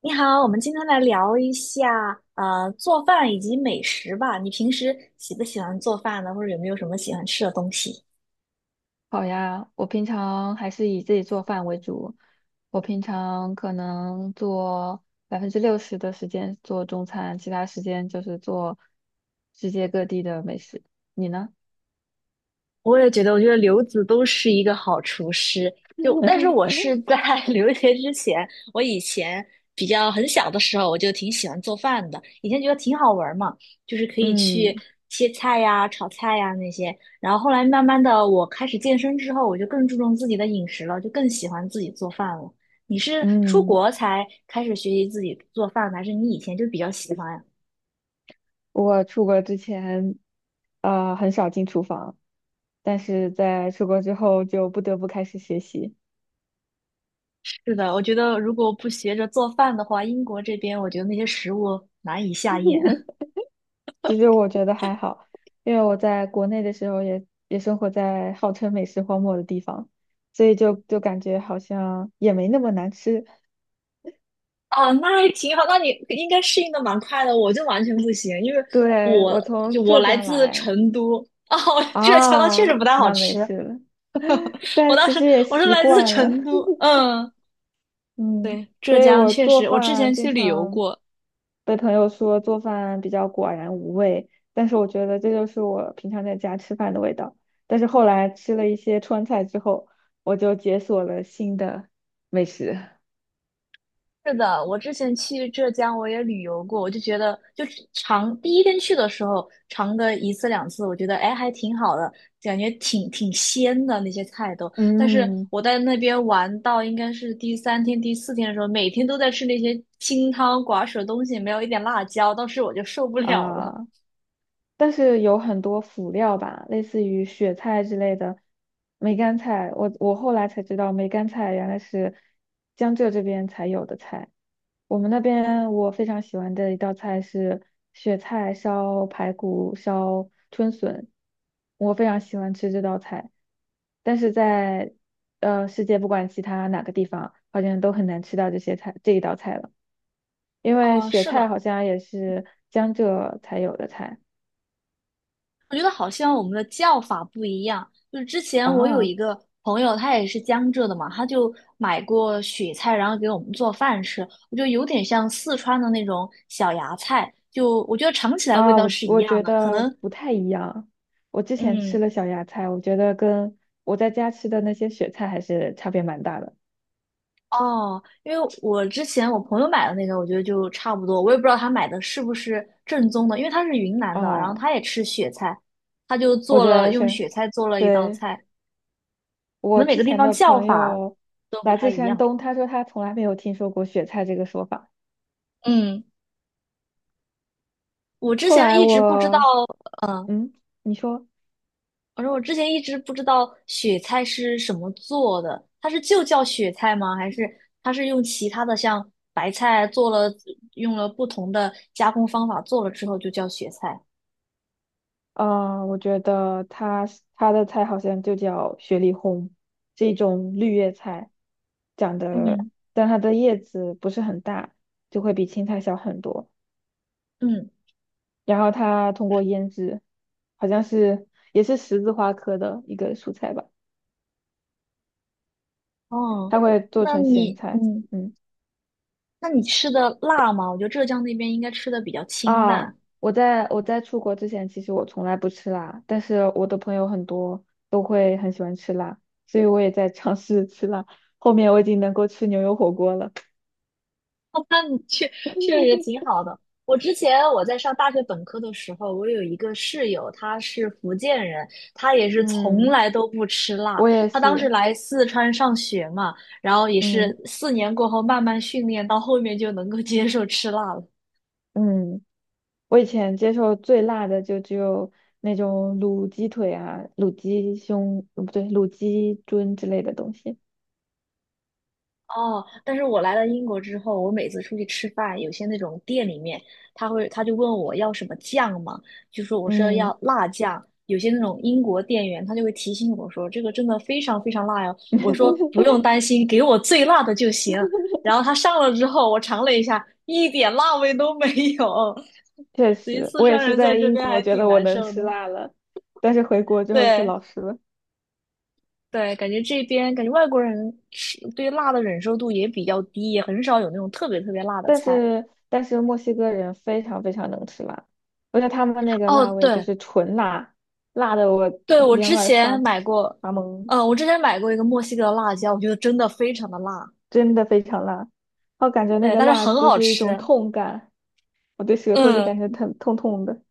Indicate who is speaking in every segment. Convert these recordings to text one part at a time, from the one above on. Speaker 1: 你好，我们今天来聊一下做饭以及美食吧。你平时喜不喜欢做饭呢？或者有没有什么喜欢吃的东西？
Speaker 2: 好呀，我平常还是以自己做饭为主。我平常可能做60%的时间做中餐，其他时间就是做世界各地的美食。你呢？
Speaker 1: 我也觉得，我觉得刘子都是一个好厨师。就，但是我 是在 留学之前，我以前比较很小的时候，我就挺喜欢做饭的。以前觉得挺好玩儿嘛，就是可以去
Speaker 2: 嗯
Speaker 1: 切菜呀、炒菜呀那些。然后后来慢慢的，我开始健身之后，我就更注重自己的饮食了，就更喜欢自己做饭了。你是出
Speaker 2: 嗯，
Speaker 1: 国才开始学习自己做饭的还是你以前就比较喜欢呀？
Speaker 2: 我出国之前，很少进厨房，但是在出国之后就不得不开始学习。
Speaker 1: 是的，我觉得如果不学着做饭的话，英国这边我觉得那些食物难以下咽。
Speaker 2: 其实我觉得还好，因为我在国内的时候也生活在号称美食荒漠的地方，所以就感觉好像也没那么难吃。
Speaker 1: 哦，那还挺好，那你应该适应的蛮快的，我就完全不行，因为
Speaker 2: 对，
Speaker 1: 我
Speaker 2: 我
Speaker 1: 就
Speaker 2: 从
Speaker 1: 我
Speaker 2: 浙
Speaker 1: 来
Speaker 2: 江
Speaker 1: 自
Speaker 2: 来。
Speaker 1: 成都，哦，浙江它确实
Speaker 2: 啊，
Speaker 1: 不太好
Speaker 2: 那没
Speaker 1: 吃，
Speaker 2: 事了，
Speaker 1: 我
Speaker 2: 但
Speaker 1: 当
Speaker 2: 其
Speaker 1: 时
Speaker 2: 实也
Speaker 1: 我是
Speaker 2: 习
Speaker 1: 来自
Speaker 2: 惯了。
Speaker 1: 成都，嗯，
Speaker 2: 嗯，
Speaker 1: 对，浙
Speaker 2: 所以
Speaker 1: 江
Speaker 2: 我
Speaker 1: 确
Speaker 2: 做
Speaker 1: 实，我之
Speaker 2: 饭
Speaker 1: 前
Speaker 2: 经
Speaker 1: 去旅游
Speaker 2: 常
Speaker 1: 过，
Speaker 2: 被朋友说做饭比较寡然无味，但是我觉得这就是我平常在家吃饭的味道。但是后来吃了一些川菜之后，我就解锁了新的美食。
Speaker 1: 是的，我之前去浙江我也旅游过，我就觉得就是尝第一天去的时候尝个一次两次，我觉得哎还挺好的，感觉挺鲜的那些菜都。但是
Speaker 2: 嗯。
Speaker 1: 我在那边玩到应该是第三天第四天的时候，每天都在吃那些清汤寡水的东西，没有一点辣椒，当时我就受不了了。
Speaker 2: 啊，但是有很多辅料吧，类似于雪菜之类的梅干菜，我后来才知道梅干菜原来是江浙这边才有的菜。我们那边我非常喜欢的一道菜是雪菜烧排骨烧春笋，我非常喜欢吃这道菜，但是在世界不管其他哪个地方，好像都很难吃到这些菜这一道菜了，因为
Speaker 1: 嗯，
Speaker 2: 雪
Speaker 1: 是
Speaker 2: 菜
Speaker 1: 的，
Speaker 2: 好像也是江浙才有的菜。
Speaker 1: 我觉得好像我们的叫法不一样。就是之前我有
Speaker 2: 啊。
Speaker 1: 一个朋友，他也是江浙的嘛，他就买过雪菜，然后给我们做饭吃。我觉得有点像四川的那种小芽菜，就我觉得尝起来味
Speaker 2: 啊，
Speaker 1: 道
Speaker 2: 我
Speaker 1: 是一
Speaker 2: 我
Speaker 1: 样
Speaker 2: 觉
Speaker 1: 的。可
Speaker 2: 得
Speaker 1: 能，
Speaker 2: 不太一样，我之前吃
Speaker 1: 嗯，
Speaker 2: 了小芽菜，我觉得跟我在家吃的那些雪菜还是差别蛮大的。
Speaker 1: 哦，因为我之前我朋友买的那个，我觉得就差不多。我也不知道他买的是不是正宗的，因为他是云南的，然后
Speaker 2: 哦。
Speaker 1: 他也吃雪菜，他就
Speaker 2: 我
Speaker 1: 做
Speaker 2: 觉
Speaker 1: 了
Speaker 2: 得
Speaker 1: 用
Speaker 2: 是。
Speaker 1: 雪菜做了一道
Speaker 2: 对，
Speaker 1: 菜，可
Speaker 2: 我
Speaker 1: 能每
Speaker 2: 之
Speaker 1: 个地
Speaker 2: 前
Speaker 1: 方
Speaker 2: 的
Speaker 1: 叫
Speaker 2: 朋
Speaker 1: 法
Speaker 2: 友
Speaker 1: 都不
Speaker 2: 来
Speaker 1: 太
Speaker 2: 自
Speaker 1: 一
Speaker 2: 山
Speaker 1: 样。
Speaker 2: 东，他说他从来没有听说过雪菜这个说法。
Speaker 1: 嗯。我之
Speaker 2: 后
Speaker 1: 前
Speaker 2: 来
Speaker 1: 一直不知道，
Speaker 2: 我，嗯，你说，
Speaker 1: 我说我之前一直不知道雪菜是什么做的，它是就叫雪菜吗？还是它是用其他的像白菜做了，用了不同的加工方法做了之后就叫雪菜？
Speaker 2: 啊，我觉得他的菜好像就叫雪里红，这种绿叶菜，长得，
Speaker 1: 嗯
Speaker 2: 但它的叶子不是很大，就会比青菜小很多。
Speaker 1: 嗯，
Speaker 2: 然后它通过腌制，好像是也是十字花科的一个蔬菜吧，
Speaker 1: 哦，
Speaker 2: 它会做
Speaker 1: 那
Speaker 2: 成咸
Speaker 1: 你
Speaker 2: 菜。
Speaker 1: 嗯，
Speaker 2: 嗯。
Speaker 1: 那你吃的辣吗？我觉得浙江那边应该吃的比较清
Speaker 2: 啊，
Speaker 1: 淡。
Speaker 2: 我在出国之前，其实我从来不吃辣，但是我的朋友很多都会很喜欢吃辣，所以我也在尝试吃辣。后面我已经能够吃牛油火锅了。
Speaker 1: 那你确实挺好的。我之前我在上大学本科的时候，我有一个室友，他是福建人，他也是从
Speaker 2: 嗯，
Speaker 1: 来都不吃辣。
Speaker 2: 我也
Speaker 1: 他当时
Speaker 2: 是。
Speaker 1: 来四川上学嘛，然后也是
Speaker 2: 嗯
Speaker 1: 四年过后慢慢训练，到后面就能够接受吃辣了。
Speaker 2: 嗯，我以前接受最辣的就只有那种卤鸡腿啊、卤鸡胸，不对，卤鸡胗之类的东西。
Speaker 1: 哦，但是我来了英国之后，我每次出去吃饭，有些那种店里面，他就问我要什么酱嘛，我说
Speaker 2: 嗯，
Speaker 1: 要辣酱。有些那种英国店员，他就会提醒我说这个真的非常非常辣哟。我说 不用担心，给我最辣的就行。然后他上了之后，我尝了一下，一点辣味都没有。
Speaker 2: 确
Speaker 1: 所以
Speaker 2: 实，
Speaker 1: 四
Speaker 2: 我也
Speaker 1: 川
Speaker 2: 是
Speaker 1: 人在
Speaker 2: 在
Speaker 1: 这
Speaker 2: 英
Speaker 1: 边
Speaker 2: 国
Speaker 1: 还
Speaker 2: 觉
Speaker 1: 挺
Speaker 2: 得我
Speaker 1: 难
Speaker 2: 能
Speaker 1: 受
Speaker 2: 吃
Speaker 1: 的。
Speaker 2: 辣了，但是回国之后就
Speaker 1: 对，
Speaker 2: 老实了。
Speaker 1: 对，感觉这边感觉外国人吃对辣的忍受度也比较低，也很少有那种特别特别辣的
Speaker 2: 但
Speaker 1: 菜。
Speaker 2: 是但是墨西哥人非常非常能吃辣，而且他们那个
Speaker 1: 哦，
Speaker 2: 辣味就
Speaker 1: 对
Speaker 2: 是纯辣，辣的我
Speaker 1: 对，我
Speaker 2: 两
Speaker 1: 之
Speaker 2: 耳
Speaker 1: 前
Speaker 2: 发
Speaker 1: 买过，
Speaker 2: 发懵，
Speaker 1: 我之前买过一个墨西哥的辣椒，我觉得真的非常的辣，
Speaker 2: 真的非常辣。我感觉那
Speaker 1: 对，
Speaker 2: 个
Speaker 1: 但是
Speaker 2: 辣
Speaker 1: 很
Speaker 2: 就
Speaker 1: 好
Speaker 2: 是一
Speaker 1: 吃。
Speaker 2: 种痛感，我的舌头就感
Speaker 1: 嗯，
Speaker 2: 觉疼痛痛的。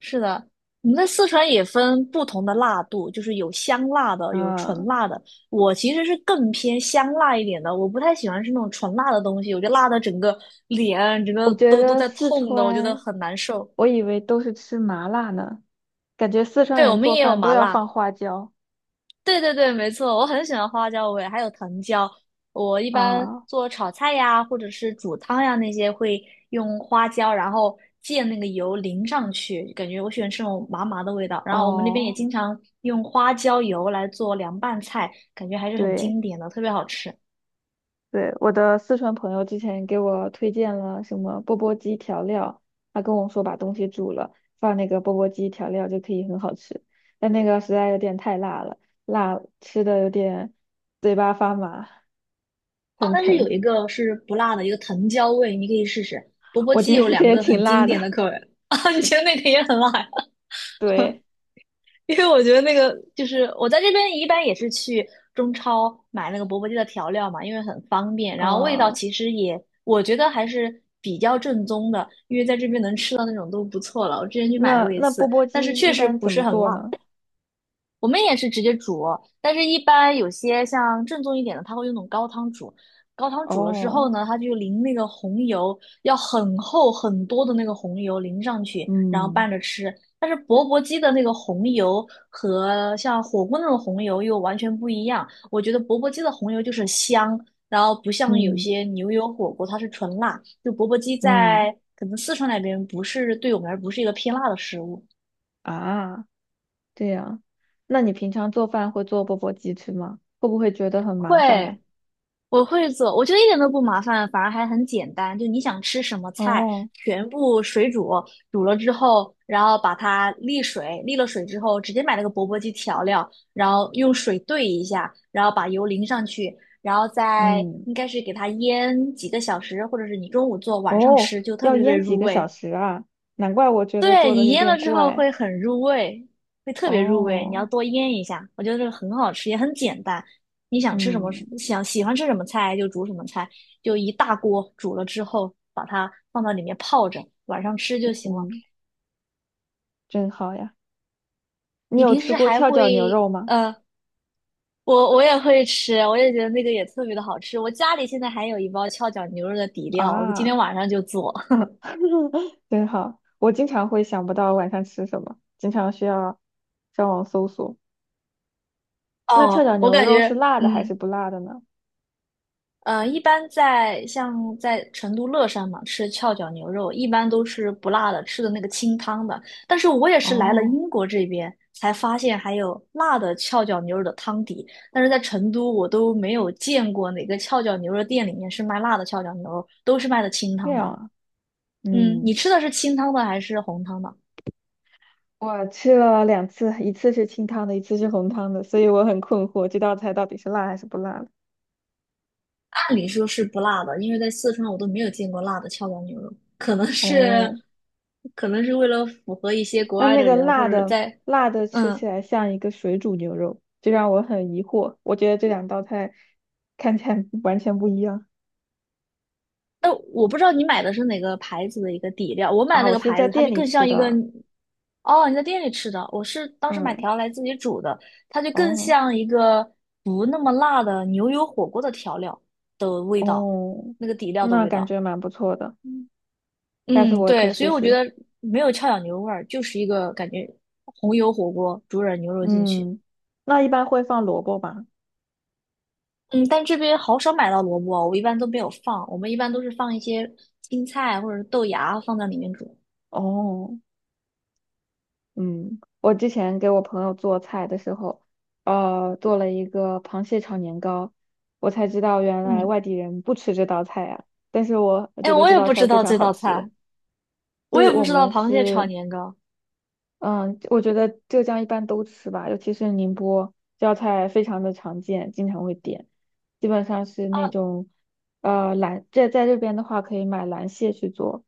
Speaker 1: 是的，我们在四川也分不同的辣度，就是有香辣的，有纯
Speaker 2: 啊。
Speaker 1: 辣的。我其实是更偏香辣一点的，我不太喜欢吃那种纯辣的东西，我觉得辣的整个脸整个
Speaker 2: 我觉
Speaker 1: 都
Speaker 2: 得
Speaker 1: 在
Speaker 2: 四
Speaker 1: 痛的，我觉得
Speaker 2: 川，
Speaker 1: 很难受。
Speaker 2: 我以为都是吃麻辣呢，感觉四川
Speaker 1: 对，我
Speaker 2: 人
Speaker 1: 们
Speaker 2: 做
Speaker 1: 也有
Speaker 2: 饭都
Speaker 1: 麻
Speaker 2: 要
Speaker 1: 辣。
Speaker 2: 放花椒
Speaker 1: 对对对，没错，我很喜欢花椒味，还有藤椒。我一般
Speaker 2: 啊。
Speaker 1: 做炒菜呀，或者是煮汤呀那些，会用花椒，然后借那个油淋上去，感觉我喜欢吃那种麻麻的味道。然后我们那边也
Speaker 2: 哦，
Speaker 1: 经常用花椒油来做凉拌菜，感觉还是很
Speaker 2: 对。
Speaker 1: 经典的，特别好吃。啊
Speaker 2: 对，我的四川朋友之前给我推荐了什么钵钵鸡调料，他跟我说把东西煮了，放那个钵钵鸡调料就可以很好吃，但那个实在有点太辣了，辣吃的有点嘴巴发麻，很
Speaker 1: 但是
Speaker 2: 疼。
Speaker 1: 有一个是不辣的，一个藤椒味，你可以试试。钵钵
Speaker 2: 我
Speaker 1: 鸡
Speaker 2: 觉得
Speaker 1: 有
Speaker 2: 那个
Speaker 1: 两
Speaker 2: 也
Speaker 1: 个
Speaker 2: 挺
Speaker 1: 很经
Speaker 2: 辣的。
Speaker 1: 典 的口味 啊，你觉得那个也很辣？
Speaker 2: 对。
Speaker 1: 因为我觉得那个就是我在这边一般也是去中超买那个钵钵鸡的调料嘛，因为很方便，然后味道
Speaker 2: 哦、
Speaker 1: 其实也我觉得还是比较正宗的，因为在这边能吃到那种都不错了。我之前去买
Speaker 2: 那
Speaker 1: 过一
Speaker 2: 那
Speaker 1: 次，
Speaker 2: 钵钵
Speaker 1: 但是
Speaker 2: 鸡
Speaker 1: 确
Speaker 2: 一
Speaker 1: 实
Speaker 2: 般
Speaker 1: 不
Speaker 2: 怎
Speaker 1: 是
Speaker 2: 么
Speaker 1: 很
Speaker 2: 做
Speaker 1: 辣，
Speaker 2: 呢？
Speaker 1: 我们也是直接煮，但是一般有些像正宗一点的，他会用那种高汤煮。高汤煮了之后
Speaker 2: 哦。
Speaker 1: 呢，他就淋那个红油，要很厚很多的那个红油淋上去，然后拌
Speaker 2: 嗯
Speaker 1: 着吃。但是钵钵鸡的那个红油和像火锅那种红油又完全不一样。我觉得钵钵鸡的红油就是香，然后不像有
Speaker 2: 嗯
Speaker 1: 些牛油火锅它是纯辣。就钵钵鸡
Speaker 2: 嗯。
Speaker 1: 在可能四川那边不是对我们而不是一个偏辣的食物。
Speaker 2: 啊，这样，那你平常做饭会做钵钵鸡吃吗？会不会觉得很
Speaker 1: 会，
Speaker 2: 麻烦呀？
Speaker 1: 我会做，我觉得一点都不麻烦，反而还很简单。就你想吃什么菜，
Speaker 2: 哦。
Speaker 1: 全部水煮，煮了之后，然后把它沥水，沥了水之后，直接买那个钵钵鸡调料，然后用水兑一下，然后把油淋上去，然后再
Speaker 2: 嗯。
Speaker 1: 应该是给它腌几个小时，或者是你中午做，晚上
Speaker 2: 哦，
Speaker 1: 吃，就特
Speaker 2: 要
Speaker 1: 别特别
Speaker 2: 腌几
Speaker 1: 入
Speaker 2: 个小
Speaker 1: 味。
Speaker 2: 时啊？难怪我觉得
Speaker 1: 对，
Speaker 2: 做的
Speaker 1: 你
Speaker 2: 有
Speaker 1: 腌了
Speaker 2: 点
Speaker 1: 之后会
Speaker 2: 怪。
Speaker 1: 很入味，会特别入味。你要
Speaker 2: 哦。
Speaker 1: 多腌一下，我觉得这个很好吃，也很简单。你想吃什么，
Speaker 2: 嗯
Speaker 1: 想喜欢吃什么菜就煮什么菜，就一大锅煮了之后，把它放到里面泡着，晚上吃就行了。
Speaker 2: 嗯，真好呀。你
Speaker 1: 你
Speaker 2: 有
Speaker 1: 平时
Speaker 2: 吃过
Speaker 1: 还
Speaker 2: 翘脚牛
Speaker 1: 会
Speaker 2: 肉吗？
Speaker 1: 我也会吃，我也觉得那个也特别的好吃。我家里现在还有一包翘脚牛肉的底料，我今天
Speaker 2: 啊，
Speaker 1: 晚上就做。
Speaker 2: 真好。我经常会想不到晚上吃什么，经常需要上网搜索。那翘脚
Speaker 1: 哦，我
Speaker 2: 牛
Speaker 1: 感
Speaker 2: 肉是
Speaker 1: 觉
Speaker 2: 辣的还
Speaker 1: 嗯。
Speaker 2: 是不辣的呢？
Speaker 1: 一般在像在成都乐山嘛，吃翘脚牛肉一般都是不辣的，吃的那个清汤的。但是我也是来了
Speaker 2: 哦，
Speaker 1: 英国这边才发现还有辣的翘脚牛肉的汤底，但是在成都我都没有见过哪个翘脚牛肉店里面是卖辣的翘脚牛肉，都是卖的清
Speaker 2: 这
Speaker 1: 汤的。
Speaker 2: 样啊，
Speaker 1: 嗯，你
Speaker 2: 嗯。
Speaker 1: 吃的是清汤的还是红汤的？
Speaker 2: 我吃了两次，一次是清汤的，一次是红汤的，所以我很困惑，这道菜到底是辣还是不辣的。
Speaker 1: 按理说是不辣的，因为在四川我都没有见过辣的跷脚牛肉，可能是，
Speaker 2: 哦，
Speaker 1: 可能是为了符合一些国
Speaker 2: 那
Speaker 1: 外
Speaker 2: 那
Speaker 1: 的
Speaker 2: 个
Speaker 1: 人，或
Speaker 2: 辣
Speaker 1: 者
Speaker 2: 的
Speaker 1: 在，
Speaker 2: 辣的吃
Speaker 1: 嗯，
Speaker 2: 起来像一个水煮牛肉，这让我很疑惑。我觉得这两道菜看起来 完全不一样。
Speaker 1: 但我不知道你买的是哪个牌子的一个底料，我买
Speaker 2: 啊！
Speaker 1: 那
Speaker 2: 我
Speaker 1: 个
Speaker 2: 是
Speaker 1: 牌
Speaker 2: 在
Speaker 1: 子，它就
Speaker 2: 店里
Speaker 1: 更
Speaker 2: 吃
Speaker 1: 像一个，
Speaker 2: 的，
Speaker 1: 哦，你在店里吃的，我是当时买
Speaker 2: 嗯。
Speaker 1: 调来自己煮的，它就更
Speaker 2: 哦
Speaker 1: 像一个不那么辣的牛油火锅的调料的味道，
Speaker 2: 哦，
Speaker 1: 那个底料的
Speaker 2: 那
Speaker 1: 味
Speaker 2: 感
Speaker 1: 道。
Speaker 2: 觉蛮不错的，下次
Speaker 1: 嗯，
Speaker 2: 我可
Speaker 1: 对，所以
Speaker 2: 试
Speaker 1: 我觉
Speaker 2: 试。
Speaker 1: 得没有翘脚牛肉味儿，就是一个感觉红油火锅煮点牛肉进去。
Speaker 2: 嗯，那一般会放萝卜吧？
Speaker 1: 嗯，但这边好少买到萝卜，我一般都没有放，我们一般都是放一些青菜或者是豆芽放在里面煮。
Speaker 2: 哦。嗯，我之前给我朋友做菜的时候，做了一个螃蟹炒年糕，我才知道原来
Speaker 1: 嗯，
Speaker 2: 外地人不吃这道菜呀。但是我
Speaker 1: 哎，
Speaker 2: 觉得
Speaker 1: 我
Speaker 2: 这
Speaker 1: 也
Speaker 2: 道
Speaker 1: 不知
Speaker 2: 菜非
Speaker 1: 道
Speaker 2: 常
Speaker 1: 这
Speaker 2: 好
Speaker 1: 道
Speaker 2: 吃，
Speaker 1: 菜，我
Speaker 2: 就是
Speaker 1: 也不
Speaker 2: 我
Speaker 1: 知道
Speaker 2: 们
Speaker 1: 螃蟹炒
Speaker 2: 是，
Speaker 1: 年糕。
Speaker 2: 嗯，我觉得浙江一般都吃吧，尤其是宁波，这道菜非常的常见，经常会点。基本上是那种，这在这边的话可以买蓝蟹去做，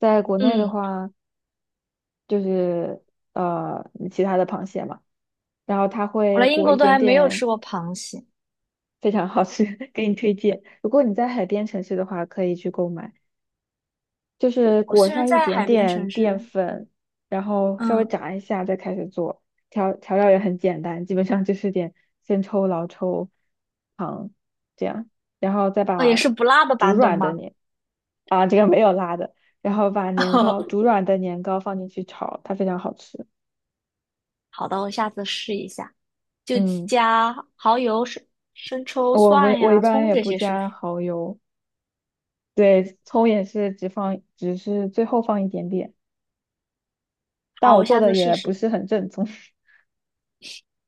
Speaker 2: 在国内的
Speaker 1: 嗯，
Speaker 2: 话。就是其他的螃蟹嘛，然后它
Speaker 1: 我来
Speaker 2: 会
Speaker 1: 英
Speaker 2: 裹
Speaker 1: 国
Speaker 2: 一
Speaker 1: 都
Speaker 2: 点
Speaker 1: 还没有吃
Speaker 2: 点，
Speaker 1: 过螃蟹。
Speaker 2: 非常好吃，给你推荐。如果你在海边城市的话，可以去购买，就是
Speaker 1: 我
Speaker 2: 裹
Speaker 1: 虽然
Speaker 2: 上一
Speaker 1: 在
Speaker 2: 点
Speaker 1: 海边
Speaker 2: 点
Speaker 1: 城
Speaker 2: 淀
Speaker 1: 市，
Speaker 2: 粉，然后稍微
Speaker 1: 嗯，
Speaker 2: 炸一下再开始做，调调料也很简单，基本上就是点生抽、老抽、糖这样，然后再
Speaker 1: 哦，也
Speaker 2: 把
Speaker 1: 是不辣的
Speaker 2: 煮
Speaker 1: 版本
Speaker 2: 软的
Speaker 1: 吗？
Speaker 2: 年啊这个没有辣的，然后把年糕煮 软的年糕放进去炒，它非常好吃。
Speaker 1: 好的，我下次试一下。就
Speaker 2: 嗯。
Speaker 1: 加蚝油、生抽、
Speaker 2: 我没，
Speaker 1: 蒜
Speaker 2: 我一
Speaker 1: 呀、
Speaker 2: 般
Speaker 1: 葱
Speaker 2: 也
Speaker 1: 这
Speaker 2: 不
Speaker 1: 些，是不
Speaker 2: 加
Speaker 1: 是？
Speaker 2: 蚝油，对，葱也是只放，只是最后放一点点，但
Speaker 1: 好，
Speaker 2: 我
Speaker 1: 我下
Speaker 2: 做的
Speaker 1: 次试
Speaker 2: 也不
Speaker 1: 试。
Speaker 2: 是很正宗。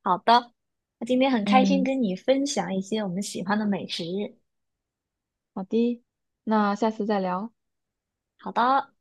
Speaker 1: 好的，那今天很开心
Speaker 2: 嗯，
Speaker 1: 跟你分享一些我们喜欢的美食。
Speaker 2: 好的，那下次再聊。
Speaker 1: 好的。